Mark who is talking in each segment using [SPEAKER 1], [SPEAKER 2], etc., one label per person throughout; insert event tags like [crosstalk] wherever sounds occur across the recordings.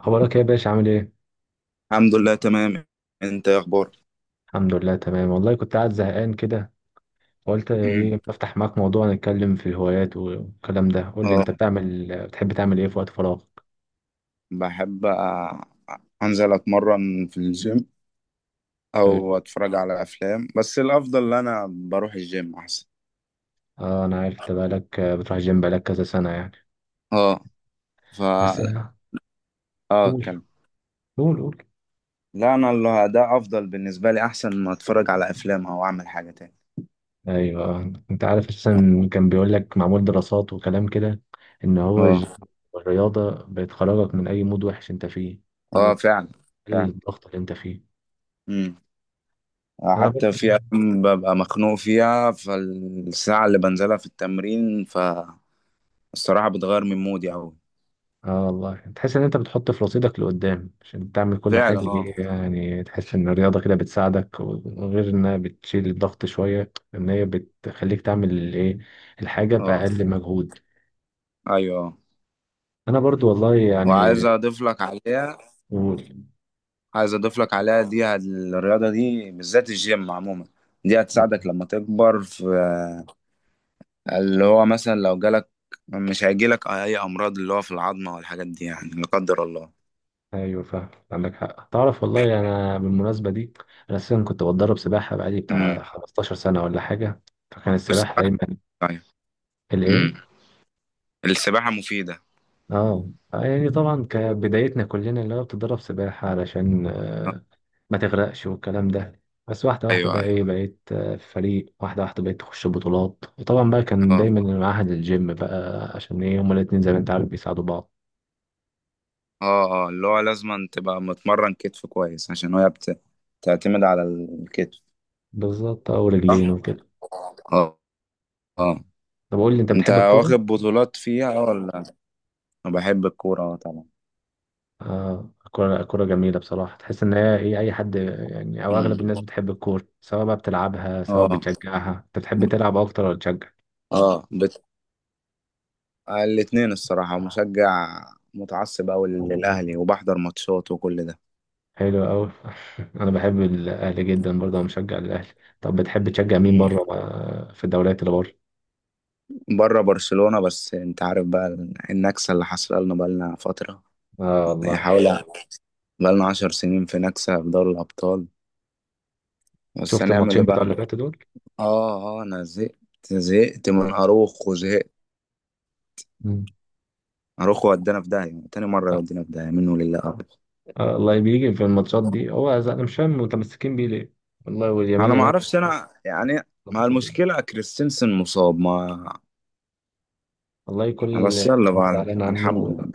[SPEAKER 1] اخبارك إيه يا باشا، عامل ايه؟
[SPEAKER 2] الحمد لله تمام. انت ايه اخبارك؟
[SPEAKER 1] الحمد لله تمام، والله كنت قاعد زهقان كده. قلت
[SPEAKER 2] مم.
[SPEAKER 1] ايه، بفتح معاك موضوع نتكلم في الهوايات والكلام ده. قول لي، انت
[SPEAKER 2] اه
[SPEAKER 1] بتحب تعمل ايه في وقت فراغ؟
[SPEAKER 2] بحب انزل اتمرن في الجيم
[SPEAKER 1] حلو.
[SPEAKER 2] او اتفرج على افلام، بس الافضل ان انا بروح الجيم احسن.
[SPEAKER 1] اه انا عارف، انت بقالك بتروح الجيم بقالك كذا سنة يعني.
[SPEAKER 2] اه ف
[SPEAKER 1] بس
[SPEAKER 2] اه
[SPEAKER 1] قول
[SPEAKER 2] اتكلم.
[SPEAKER 1] قول قول.
[SPEAKER 2] لا، انا اللي ده افضل بالنسبه لي، احسن ما اتفرج على افلام او اعمل حاجه تاني.
[SPEAKER 1] ايوه انت عارف اساسا، كان بيقول لك معمول دراسات وكلام كده، ان هو
[SPEAKER 2] اه
[SPEAKER 1] الجيم والرياضة بتخرجك من اي مود وحش انت فيه،
[SPEAKER 2] اه
[SPEAKER 1] وبتقلل
[SPEAKER 2] فعلا. فعلا.
[SPEAKER 1] الضغط اللي انت فيه.
[SPEAKER 2] مم.
[SPEAKER 1] انا
[SPEAKER 2] حتى في
[SPEAKER 1] برضه.
[SPEAKER 2] أيام ببقى مخنوق فيها، فالساعة اللي بنزلها في التمرين فالصراحة بتغير من مودي أوي.
[SPEAKER 1] اه والله، تحس ان انت بتحط في رصيدك لقدام عشان تعمل كل
[SPEAKER 2] فعلا.
[SPEAKER 1] حاجة، ايه
[SPEAKER 2] اه
[SPEAKER 1] يعني، تحس ان الرياضة كده بتساعدك، وغير انها بتشيل الضغط شوية، ان هي بتخليك تعمل الايه، الحاجة
[SPEAKER 2] اه
[SPEAKER 1] بأقل مجهود.
[SPEAKER 2] ايوه.
[SPEAKER 1] انا برضو والله يعني.
[SPEAKER 2] وعايز اضيف لك عليها،
[SPEAKER 1] قول.
[SPEAKER 2] عايز اضيف لك عليها، دي الرياضه دي بالذات، الجيم عموما، دي هتساعدك لما تكبر في اللي هو مثلا لو جالك، مش هيجيلك اي امراض اللي هو في العظمه والحاجات دي، يعني لا قدر الله.
[SPEAKER 1] ايوه فاهم، عندك حق. تعرف والله انا بالمناسبة دي، انا اساسا كنت بتدرب سباحة بقالي
[SPEAKER 2] امم
[SPEAKER 1] بتاع 15 سنة ولا حاجة، فكان السباحة
[SPEAKER 2] والسباحه،
[SPEAKER 1] دايما
[SPEAKER 2] ايوه. امم
[SPEAKER 1] الايه.
[SPEAKER 2] السباحه مفيده.
[SPEAKER 1] اه يعني طبعا كبدايتنا كلنا، اللي هو بتدرب سباحة علشان
[SPEAKER 2] آه،
[SPEAKER 1] ما تغرقش والكلام ده. بس واحدة واحدة
[SPEAKER 2] ايوه
[SPEAKER 1] بقى
[SPEAKER 2] ايوه.
[SPEAKER 1] ايه، بقيت في فريق، واحدة واحدة بقيت تخش بطولات. وطبعا بقى كان
[SPEAKER 2] اه
[SPEAKER 1] دايما المعهد الجيم بقى، عشان ايه، هما الاتنين زي ما انت عارف بيساعدوا بعض.
[SPEAKER 2] اه اللي هو لازم تبقى متمرن كتف كويس عشان هي بتعتمد على الكتف.
[SPEAKER 1] بالظبط، اه، ورجلين
[SPEAKER 2] صح.
[SPEAKER 1] وكده.
[SPEAKER 2] اه اه
[SPEAKER 1] طب قول لي، انت
[SPEAKER 2] انت
[SPEAKER 1] بتحب الكورة؟
[SPEAKER 2] واخد بطولات فيها ولا؟ بحب الكورة، اه طبعا.
[SPEAKER 1] اه الكورة الكورة جميلة بصراحة. تحس ان هي ايه، اي حد يعني او اغلب
[SPEAKER 2] أمم.
[SPEAKER 1] الناس بتحب الكورة، سواء بقى بتلعبها سواء
[SPEAKER 2] اه
[SPEAKER 1] بتشجعها. انت بتحب تلعب اكتر ولا تشجع؟
[SPEAKER 2] اه الاتنين الصراحة، مشجع، متعصب أوي للأهلي وبحضر ماتشات وكل ده.
[SPEAKER 1] حلو أوي. [laughs] أنا بحب الأهلي جدا برضه، أنا مشجع للأهلي. طب بتحب تشجع مين
[SPEAKER 2] أمم.
[SPEAKER 1] بره في الدوريات اللي بره؟
[SPEAKER 2] بره برشلونة، بس انت عارف بقى النكسة اللي حصل لنا بقالنا فترة.
[SPEAKER 1] اه
[SPEAKER 2] هي
[SPEAKER 1] والله.
[SPEAKER 2] حوالي، بقالنا عشر سنين في نكسة في دوري الأبطال. بس
[SPEAKER 1] شفت
[SPEAKER 2] هنعمل ايه
[SPEAKER 1] الماتشين بتوع
[SPEAKER 2] بقى؟
[SPEAKER 1] اللي فاتوا دول؟
[SPEAKER 2] اه انا زهقت، زهقت من اروخو، زهقت.
[SPEAKER 1] مم.
[SPEAKER 2] اروخو ودانا في داهية، تاني مرة
[SPEAKER 1] لا
[SPEAKER 2] يودينا في داهية، منه لله أبدا.
[SPEAKER 1] الله بيجي في الماتشات دي، هو أنا مش فاهم متمسكين بيه ليه؟ والله واليمين
[SPEAKER 2] انا ما
[SPEAKER 1] يامال
[SPEAKER 2] اعرفش انا، يعني ما
[SPEAKER 1] ظبط الدنيا.
[SPEAKER 2] المشكلة كريستنسن مصاب. ما
[SPEAKER 1] والله كل اللي،
[SPEAKER 2] بس يلا
[SPEAKER 1] أنا
[SPEAKER 2] بقى،
[SPEAKER 1] زعلان عنه.
[SPEAKER 2] الحمد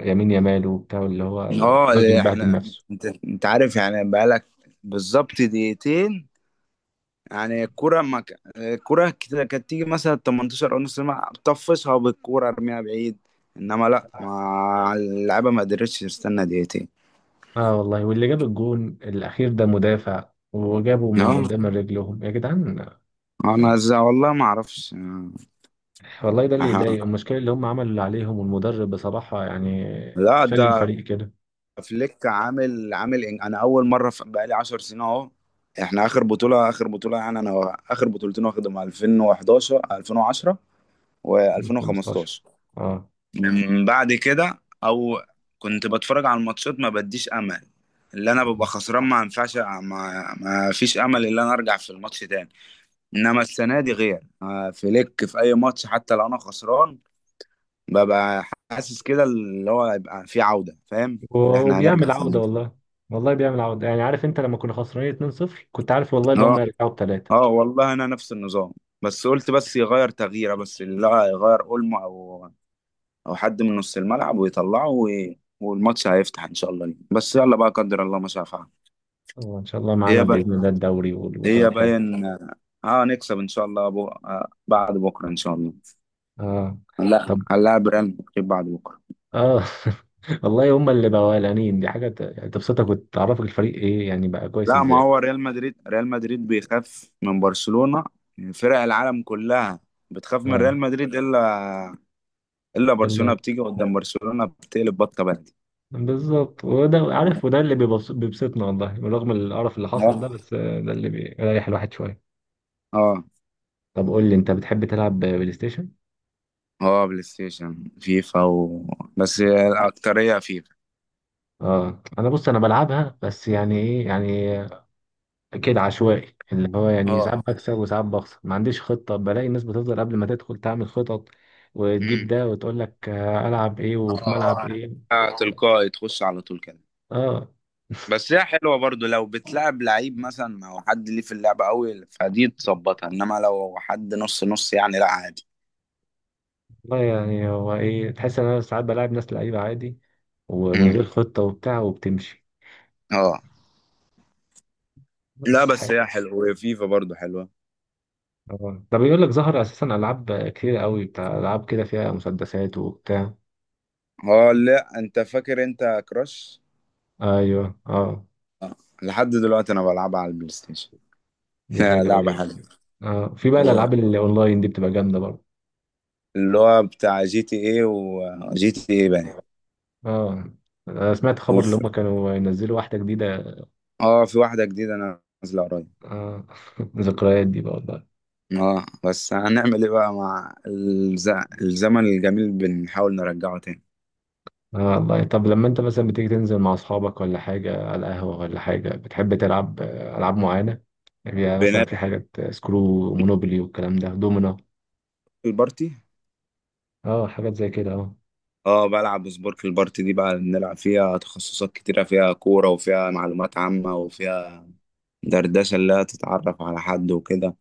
[SPEAKER 1] يمين يامال وبتاع، اللي هو
[SPEAKER 2] لله. اه
[SPEAKER 1] الراجل
[SPEAKER 2] اللي
[SPEAKER 1] بهدل
[SPEAKER 2] احنا،
[SPEAKER 1] نفسه.
[SPEAKER 2] انت انت عارف يعني بقالك، بالظبط دقيقتين، يعني الكوره ما الكوره كده كانت تيجي مثلا 18 او نص ساعه طفشها بالكوره، ارميها بعيد. انما لا، ما اللعيبه ما قدرتش تستنى دقيقتين.
[SPEAKER 1] اه والله، واللي جاب الجون الأخير ده مدافع، وجابه من
[SPEAKER 2] اه
[SPEAKER 1] قدام رجلهم يا جدعان.
[SPEAKER 2] انا والله ما اعرفش. آه،
[SPEAKER 1] والله ده اللي
[SPEAKER 2] أها.
[SPEAKER 1] يضايق، المشكلة اللي هم عملوا اللي عليهم، والمدرب بصراحة يعني
[SPEAKER 2] لا
[SPEAKER 1] شال
[SPEAKER 2] ده
[SPEAKER 1] الفريق كده.
[SPEAKER 2] فليك عامل عامل انا اول مره بقالي 10 سنين اهو. احنا اخر بطوله، اخر بطوله يعني، انا اخر بطولتين واخدهم 2011 2010
[SPEAKER 1] من 15،
[SPEAKER 2] و2015.
[SPEAKER 1] اه.
[SPEAKER 2] من بعد كده، او كنت بتفرج على الماتشات ما بديش امل، اللي انا ببقى خسران ما ينفعش، ما فيش امل ان انا ارجع في الماتش تاني. انما السنه دي غير، فليك في اي ماتش حتى لو انا خسران، ببقى حاسس كده اللي هو هيبقى في عوده، فاهم، اللي احنا هنرجع
[SPEAKER 1] وبيعمل
[SPEAKER 2] في.
[SPEAKER 1] عودة والله، والله بيعمل عودة. يعني عارف انت لما كنا خسرانين 2-0، كنت عارف والله اللي هم
[SPEAKER 2] اه
[SPEAKER 1] يرجعوا بثلاثة.
[SPEAKER 2] اه والله انا نفس النظام، بس قلت بس يغير تغييره، بس اللي هو يغير اولمو او او حد من نص الملعب ويطلعه والماتش هيفتح ان شاء الله ليه. بس يلا بقى، قدر الله ما شاء فعل.
[SPEAKER 1] ان شاء الله معانا
[SPEAKER 2] هي بقى،
[SPEAKER 1] بإذن الله الدوري والبطولة
[SPEAKER 2] هي
[SPEAKER 1] الحلوة.
[SPEAKER 2] باين. اه نكسب ان شاء الله، بو... آه بعد بكره ان شاء الله.
[SPEAKER 1] اه.
[SPEAKER 2] لا
[SPEAKER 1] طب.
[SPEAKER 2] هنلاعب ريال مدريد بعد بكره.
[SPEAKER 1] اه. [laughs] والله هم اللي بقوا قلقانين، دي حاجة يعني تبسطك وتعرفك الفريق ايه يعني بقى كويس
[SPEAKER 2] لا ما
[SPEAKER 1] ازاي.
[SPEAKER 2] هو ريال مدريد، ريال مدريد بيخاف من برشلونه، فرق العالم كلها بتخاف من
[SPEAKER 1] اه
[SPEAKER 2] ريال مدريد الا، الا برشلونه بتيجي قدام برشلونه بتقلب بطه بلدي.
[SPEAKER 1] بالظبط، وده عارف، وده اللي بيبسطنا، والله رغم القرف اللي حصل ده،
[SPEAKER 2] اه
[SPEAKER 1] بس ده اللي بيريح الواحد شوية.
[SPEAKER 2] اه
[SPEAKER 1] طب قول لي، انت بتحب تلعب بلاي ستيشن؟
[SPEAKER 2] اه بلاي ستيشن فيفا بس الأكترية فيفا.
[SPEAKER 1] اه انا بص، انا بلعبها بس يعني ايه يعني، كده عشوائي، اللي هو يعني
[SPEAKER 2] اه
[SPEAKER 1] ساعات بكسب وساعات بخسر، ما عنديش خطة. بلاقي الناس بتفضل قبل ما تدخل تعمل خطط، وتجيب
[SPEAKER 2] امم
[SPEAKER 1] ده وتقول لك العب ايه وفي ملعب
[SPEAKER 2] اه
[SPEAKER 1] ايه.
[SPEAKER 2] تلقائي تخش على طول كده.
[SPEAKER 1] اه
[SPEAKER 2] بس هي حلوه برضو لو بتلعب لعيب مثلا او حد ليه في اللعبه قوي، فدي تظبطها. انما لو حد نص نص يعني، لا عادي.
[SPEAKER 1] والله يعني، هو ايه، تحس ان انا ساعات بلعب ناس لعيبة عادي، ومن
[SPEAKER 2] امم
[SPEAKER 1] غير خطة وبتاع وبتمشي.
[SPEAKER 2] اه لا
[SPEAKER 1] بس
[SPEAKER 2] بس
[SPEAKER 1] حلو.
[SPEAKER 2] هي حلوه، وهي فيفا برضو حلوه.
[SPEAKER 1] اه ده بيقول لك ظهر اساسا العاب كتير قوي، بتاع العاب كده فيها مسدسات وبتاع.
[SPEAKER 2] اه لا انت فاكر انت كراش؟
[SPEAKER 1] ايوه اه.
[SPEAKER 2] لحد دلوقتي انا بلعبها على البلاي ستيشن. [laughs]
[SPEAKER 1] دي
[SPEAKER 2] يا
[SPEAKER 1] حلوه
[SPEAKER 2] لعبه
[SPEAKER 1] جدا.
[SPEAKER 2] حلوه.
[SPEAKER 1] اه، في بقى
[SPEAKER 2] هو
[SPEAKER 1] الالعاب اللي اونلاين دي بتبقى جامده برضه.
[SPEAKER 2] اللي هو بتاع جي تي ايه، وجي تي ايه بقى
[SPEAKER 1] اه أنا سمعت خبر اللي
[SPEAKER 2] وفي،
[SPEAKER 1] هم كانوا ينزلوا واحده جديده.
[SPEAKER 2] اه في واحده جديده انا نازله قريب.
[SPEAKER 1] اه. [laughs] ذكريات دي بقى والله.
[SPEAKER 2] اه بس هنعمل ايه بقى مع الزمن الجميل، بنحاول نرجعه تاني.
[SPEAKER 1] اه والله، طب لما انت مثلا بتيجي تنزل مع اصحابك ولا حاجه على القهوه ولا حاجه، بتحب تلعب العاب معينه؟ يعني مثلا،
[SPEAKER 2] بنلعب
[SPEAKER 1] في حاجات سكرو، مونوبولي والكلام ده، دومينو.
[SPEAKER 2] البارتي.
[SPEAKER 1] اه حاجات زي كده، اه
[SPEAKER 2] اه بلعب سبورك البارتي دي بقى، بنلعب فيها تخصصات كتيرة، فيها كورة وفيها معلومات عامة وفيها دردشة اللي هي تتعرف على حد وكده،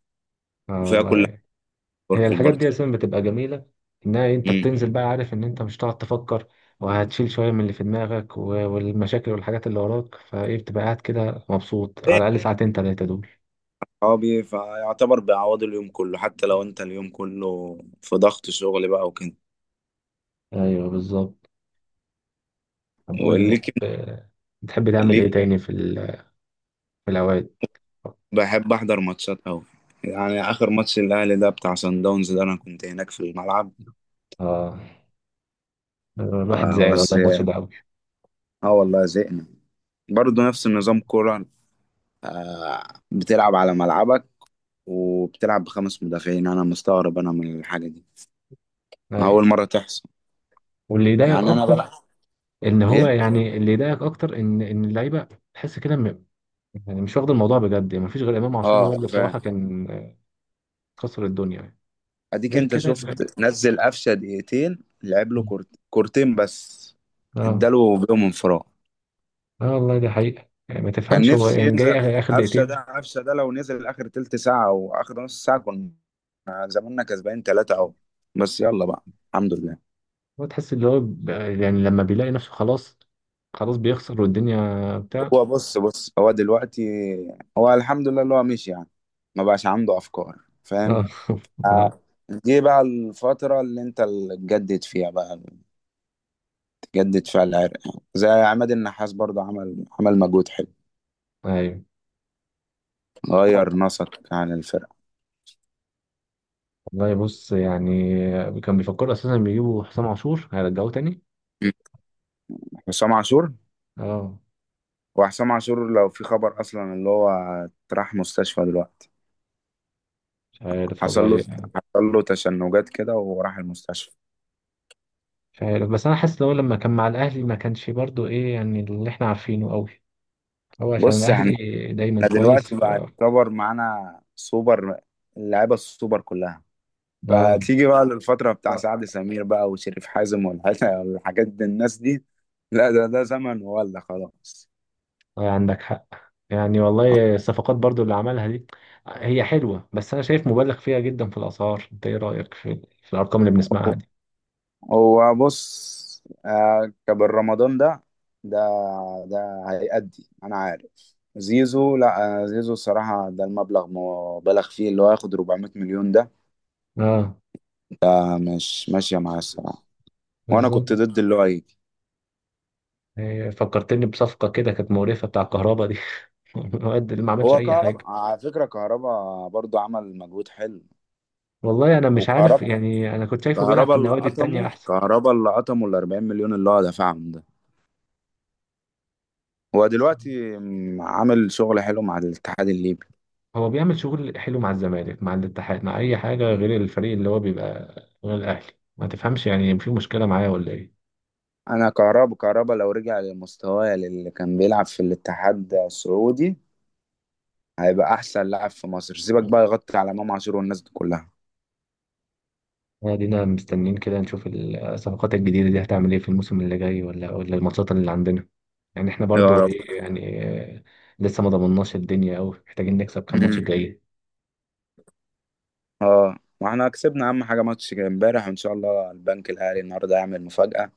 [SPEAKER 1] اه
[SPEAKER 2] وفيها كل
[SPEAKER 1] والله،
[SPEAKER 2] حاجة،
[SPEAKER 1] هي
[SPEAKER 2] سبورك
[SPEAKER 1] الحاجات
[SPEAKER 2] البارتي.
[SPEAKER 1] دي اصلا بتبقى جميله، انها إيه، انت
[SPEAKER 2] امم
[SPEAKER 1] بتنزل بقى عارف ان انت مش هتقعد تفكر، وهتشيل شويه من اللي في دماغك والمشاكل والحاجات اللي وراك فايه، بتبقى قاعد كده مبسوط على
[SPEAKER 2] إيه
[SPEAKER 1] الاقل ساعتين تلاته دول.
[SPEAKER 2] صحابي فيعتبر بيعوضوا اليوم كله، حتى لو انت اليوم كله في ضغط شغل بقى وكده.
[SPEAKER 1] ايوه بالظبط. طب قول لي،
[SPEAKER 2] وليك،
[SPEAKER 1] بتحب تعمل
[SPEAKER 2] ليك
[SPEAKER 1] ايه تاني في في الاوقات.
[SPEAKER 2] بحب احضر ماتشات قوي. يعني اخر ماتش الاهلي ده بتاع سان داونز ده، انا كنت هناك في الملعب.
[SPEAKER 1] اه، الواحد زعل
[SPEAKER 2] بس
[SPEAKER 1] والله، الماتش ده قوي.
[SPEAKER 2] اه والله زهقنا. برضه نفس النظام، كوره، آه، بتلعب على ملعبك وبتلعب بخمس مدافعين، انا مستغرب انا من الحاجه دي. اول
[SPEAKER 1] ايوه،
[SPEAKER 2] مره تحصل.
[SPEAKER 1] واللي يضايق
[SPEAKER 2] يعني انا بلعب
[SPEAKER 1] اكتر ان هو
[SPEAKER 2] ايه.
[SPEAKER 1] يعني، اللي يضايق اكتر ان اللعيبه، تحس كده يعني مش واخد الموضوع بجد. يعني مفيش غير امام عاشور،
[SPEAKER 2] اه
[SPEAKER 1] هو اللي
[SPEAKER 2] ف
[SPEAKER 1] بصراحه كان كسر الدنيا.
[SPEAKER 2] اديك،
[SPEAKER 1] غير
[SPEAKER 2] انت
[SPEAKER 1] كده
[SPEAKER 2] شفت نزل قفشه دقيقتين، لعب له كورتين بس،
[SPEAKER 1] اه
[SPEAKER 2] اداله بيهم انفراد.
[SPEAKER 1] اه والله دي حقيقة. يعني ما
[SPEAKER 2] كان
[SPEAKER 1] تفهمش هو،
[SPEAKER 2] نفسي
[SPEAKER 1] يعني جاي
[SPEAKER 2] ينزل
[SPEAKER 1] آخر آخر
[SPEAKER 2] قفشه
[SPEAKER 1] دقيقتين.
[SPEAKER 2] ده، قفشه ده لو نزل اخر تلت ساعه او اخر نص ساعه، كنا زماننا كسبانين ثلاثه اهو. بس يلا بقى، الحمد لله.
[SPEAKER 1] هو تحس اللي هو يعني لما بيلاقي نفسه خلاص، خلاص بيخسر والدنيا بتاع.
[SPEAKER 2] هو بص، بص، هو دلوقتي هو الحمد لله اللي هو مشي يعني، ما بقاش عنده افكار،
[SPEAKER 1] اه
[SPEAKER 2] فاهم.
[SPEAKER 1] [laughs] اه.
[SPEAKER 2] آه، دي بقى الفترة اللي انت اللي تجدد فيها بقى، تجدد فيها العرق يعني. زي عماد النحاس برضه، عمل عمل مجهود حلو،
[SPEAKER 1] ايوه
[SPEAKER 2] غير نسق عن الفرقة.
[SPEAKER 1] والله، بص يعني، كان بيفكروا اساسا بيجيبوا حسام عاشور، هيرجعوه تاني.
[SPEAKER 2] م. حسام عاشور،
[SPEAKER 1] اه
[SPEAKER 2] وحسام عاشور لو في خبر اصلا اللي هو راح مستشفى دلوقتي،
[SPEAKER 1] مش عارف
[SPEAKER 2] حصل له،
[SPEAKER 1] والله.
[SPEAKER 2] حصل له تشنجات كده وراح المستشفى.
[SPEAKER 1] مش عارف، بس انا حاسس لو لما كان مع الاهلي ما كانش برضو ايه يعني، اللي احنا عارفينه قوي. هو عشان
[SPEAKER 2] بص
[SPEAKER 1] الاهلي
[SPEAKER 2] يعني،
[SPEAKER 1] دايما
[SPEAKER 2] احنا
[SPEAKER 1] كويس
[SPEAKER 2] دلوقتي بقى يعتبر معانا سوبر، اللعيبه السوبر كلها.
[SPEAKER 1] اه
[SPEAKER 2] فتيجي بقى للفتره بتاع سعد سمير بقى وشريف حازم، والحاجات والحاجات دي الناس دي، لا ده ده زمن ولا خلاص.
[SPEAKER 1] عندك حق. يعني والله الصفقات برضو اللي عملها دي هي حلوة، بس أنا شايف مبالغ فيها جدا في الأسعار. أنت إيه رأيك في الأرقام اللي بنسمعها دي؟
[SPEAKER 2] هو بص، كابر رمضان ده، ده ده هيأدي، انا عارف. زيزو، لا زيزو الصراحة ده المبلغ مبالغ فيه، اللي هو هياخد 400 مليون ده،
[SPEAKER 1] آه
[SPEAKER 2] مش ماشية معاه الصراحة. وانا كنت
[SPEAKER 1] بالظبط.
[SPEAKER 2] ضد اللي هو هيجي.
[SPEAKER 1] هي فكرتني بصفقة كده كانت مقرفة، بتاع الكهرباء دي. [laughs] الواد اللي ما عملش
[SPEAKER 2] هو
[SPEAKER 1] أي
[SPEAKER 2] كهربا،
[SPEAKER 1] حاجة.
[SPEAKER 2] على فكرة كهربا برضو عمل مجهود حلو.
[SPEAKER 1] والله أنا
[SPEAKER 2] هو
[SPEAKER 1] مش عارف
[SPEAKER 2] كهربا،
[SPEAKER 1] يعني، أنا كنت شايفه بيلعب
[SPEAKER 2] كهربا
[SPEAKER 1] في
[SPEAKER 2] اللي
[SPEAKER 1] النوادي التانية
[SPEAKER 2] قطمه،
[SPEAKER 1] أحسن.
[SPEAKER 2] كهربا اللي قطمه ال 40 مليون اللي هو دفعهم ده، هو دلوقتي عامل شغل حلو مع الاتحاد الليبي.
[SPEAKER 1] هو بيعمل شغل حلو مع الزمالك، مع الاتحاد، مع أي حاجة غير الفريق اللي هو بيبقى، غير الأهلي. ما تفهمش يعني، في مشكلة معاه ولا إيه؟
[SPEAKER 2] انا كهربا، كهربا لو رجع لمستواه اللي كان بيلعب في الاتحاد السعودي، هيبقى احسن لاعب في مصر، سيبك بقى يغطي على امام عاشور والناس دي كلها.
[SPEAKER 1] ادينا مستنيين كده نشوف الصفقات الجديده دي هتعمل ايه في الموسم اللي جاي، ولا الماتشات اللي عندنا. يعني احنا
[SPEAKER 2] يا
[SPEAKER 1] برضو
[SPEAKER 2] رب.
[SPEAKER 1] ايه يعني، لسه ما ضمناش الدنيا قوي، محتاجين نكسب كام ماتش
[SPEAKER 2] مم.
[SPEAKER 1] جاي.
[SPEAKER 2] اه واحنا كسبنا اهم حاجه ماتش امبارح، وان شاء الله البنك الاهلي النهارده يعمل مفاجاه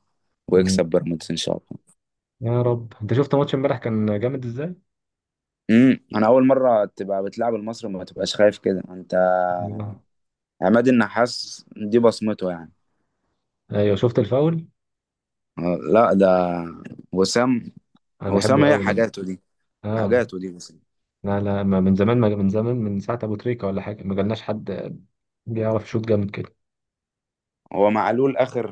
[SPEAKER 1] مم.
[SPEAKER 2] ويكسب بيراميدز ان شاء الله.
[SPEAKER 1] يا رب. انت شفت ماتش امبارح كان جامد ازاي؟
[SPEAKER 2] انا اول مره تبقى بتلعب المصري ما تبقاش خايف كده انت.
[SPEAKER 1] الله.
[SPEAKER 2] عماد النحاس دي بصمته يعني.
[SPEAKER 1] ايوه، شفت الفاول.
[SPEAKER 2] لا ده وسام،
[SPEAKER 1] انا
[SPEAKER 2] وسام
[SPEAKER 1] بحبه
[SPEAKER 2] هي
[SPEAKER 1] قوي. لا
[SPEAKER 2] حاجاته دي،
[SPEAKER 1] اه،
[SPEAKER 2] حاجاته دي بس.
[SPEAKER 1] لا لا، ما من زمان ما من زمان، من ساعه ابو تريكه ولا حاجه ما جالناش حد بيعرف يشوط جامد كده.
[SPEAKER 2] هو معلول اخر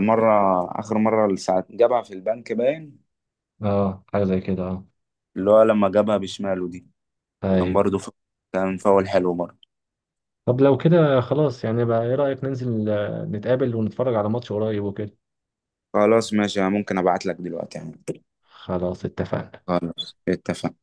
[SPEAKER 2] مره، اخر مره ساعه جابها في البنك باين،
[SPEAKER 1] اه حاجه زي كده، اه
[SPEAKER 2] اللي هو لما جابها بشماله دي، كان برضه
[SPEAKER 1] ايوه.
[SPEAKER 2] كان فاول حلو برضه.
[SPEAKER 1] طب لو كده خلاص، يعني بقى ايه رأيك ننزل نتقابل ونتفرج على ماتش قريب وكده.
[SPEAKER 2] خلاص ماشي، أنا ممكن ابعت لك دلوقتي يعني.
[SPEAKER 1] خلاص اتفقنا.
[SPEAKER 2] خلاص اتفقنا.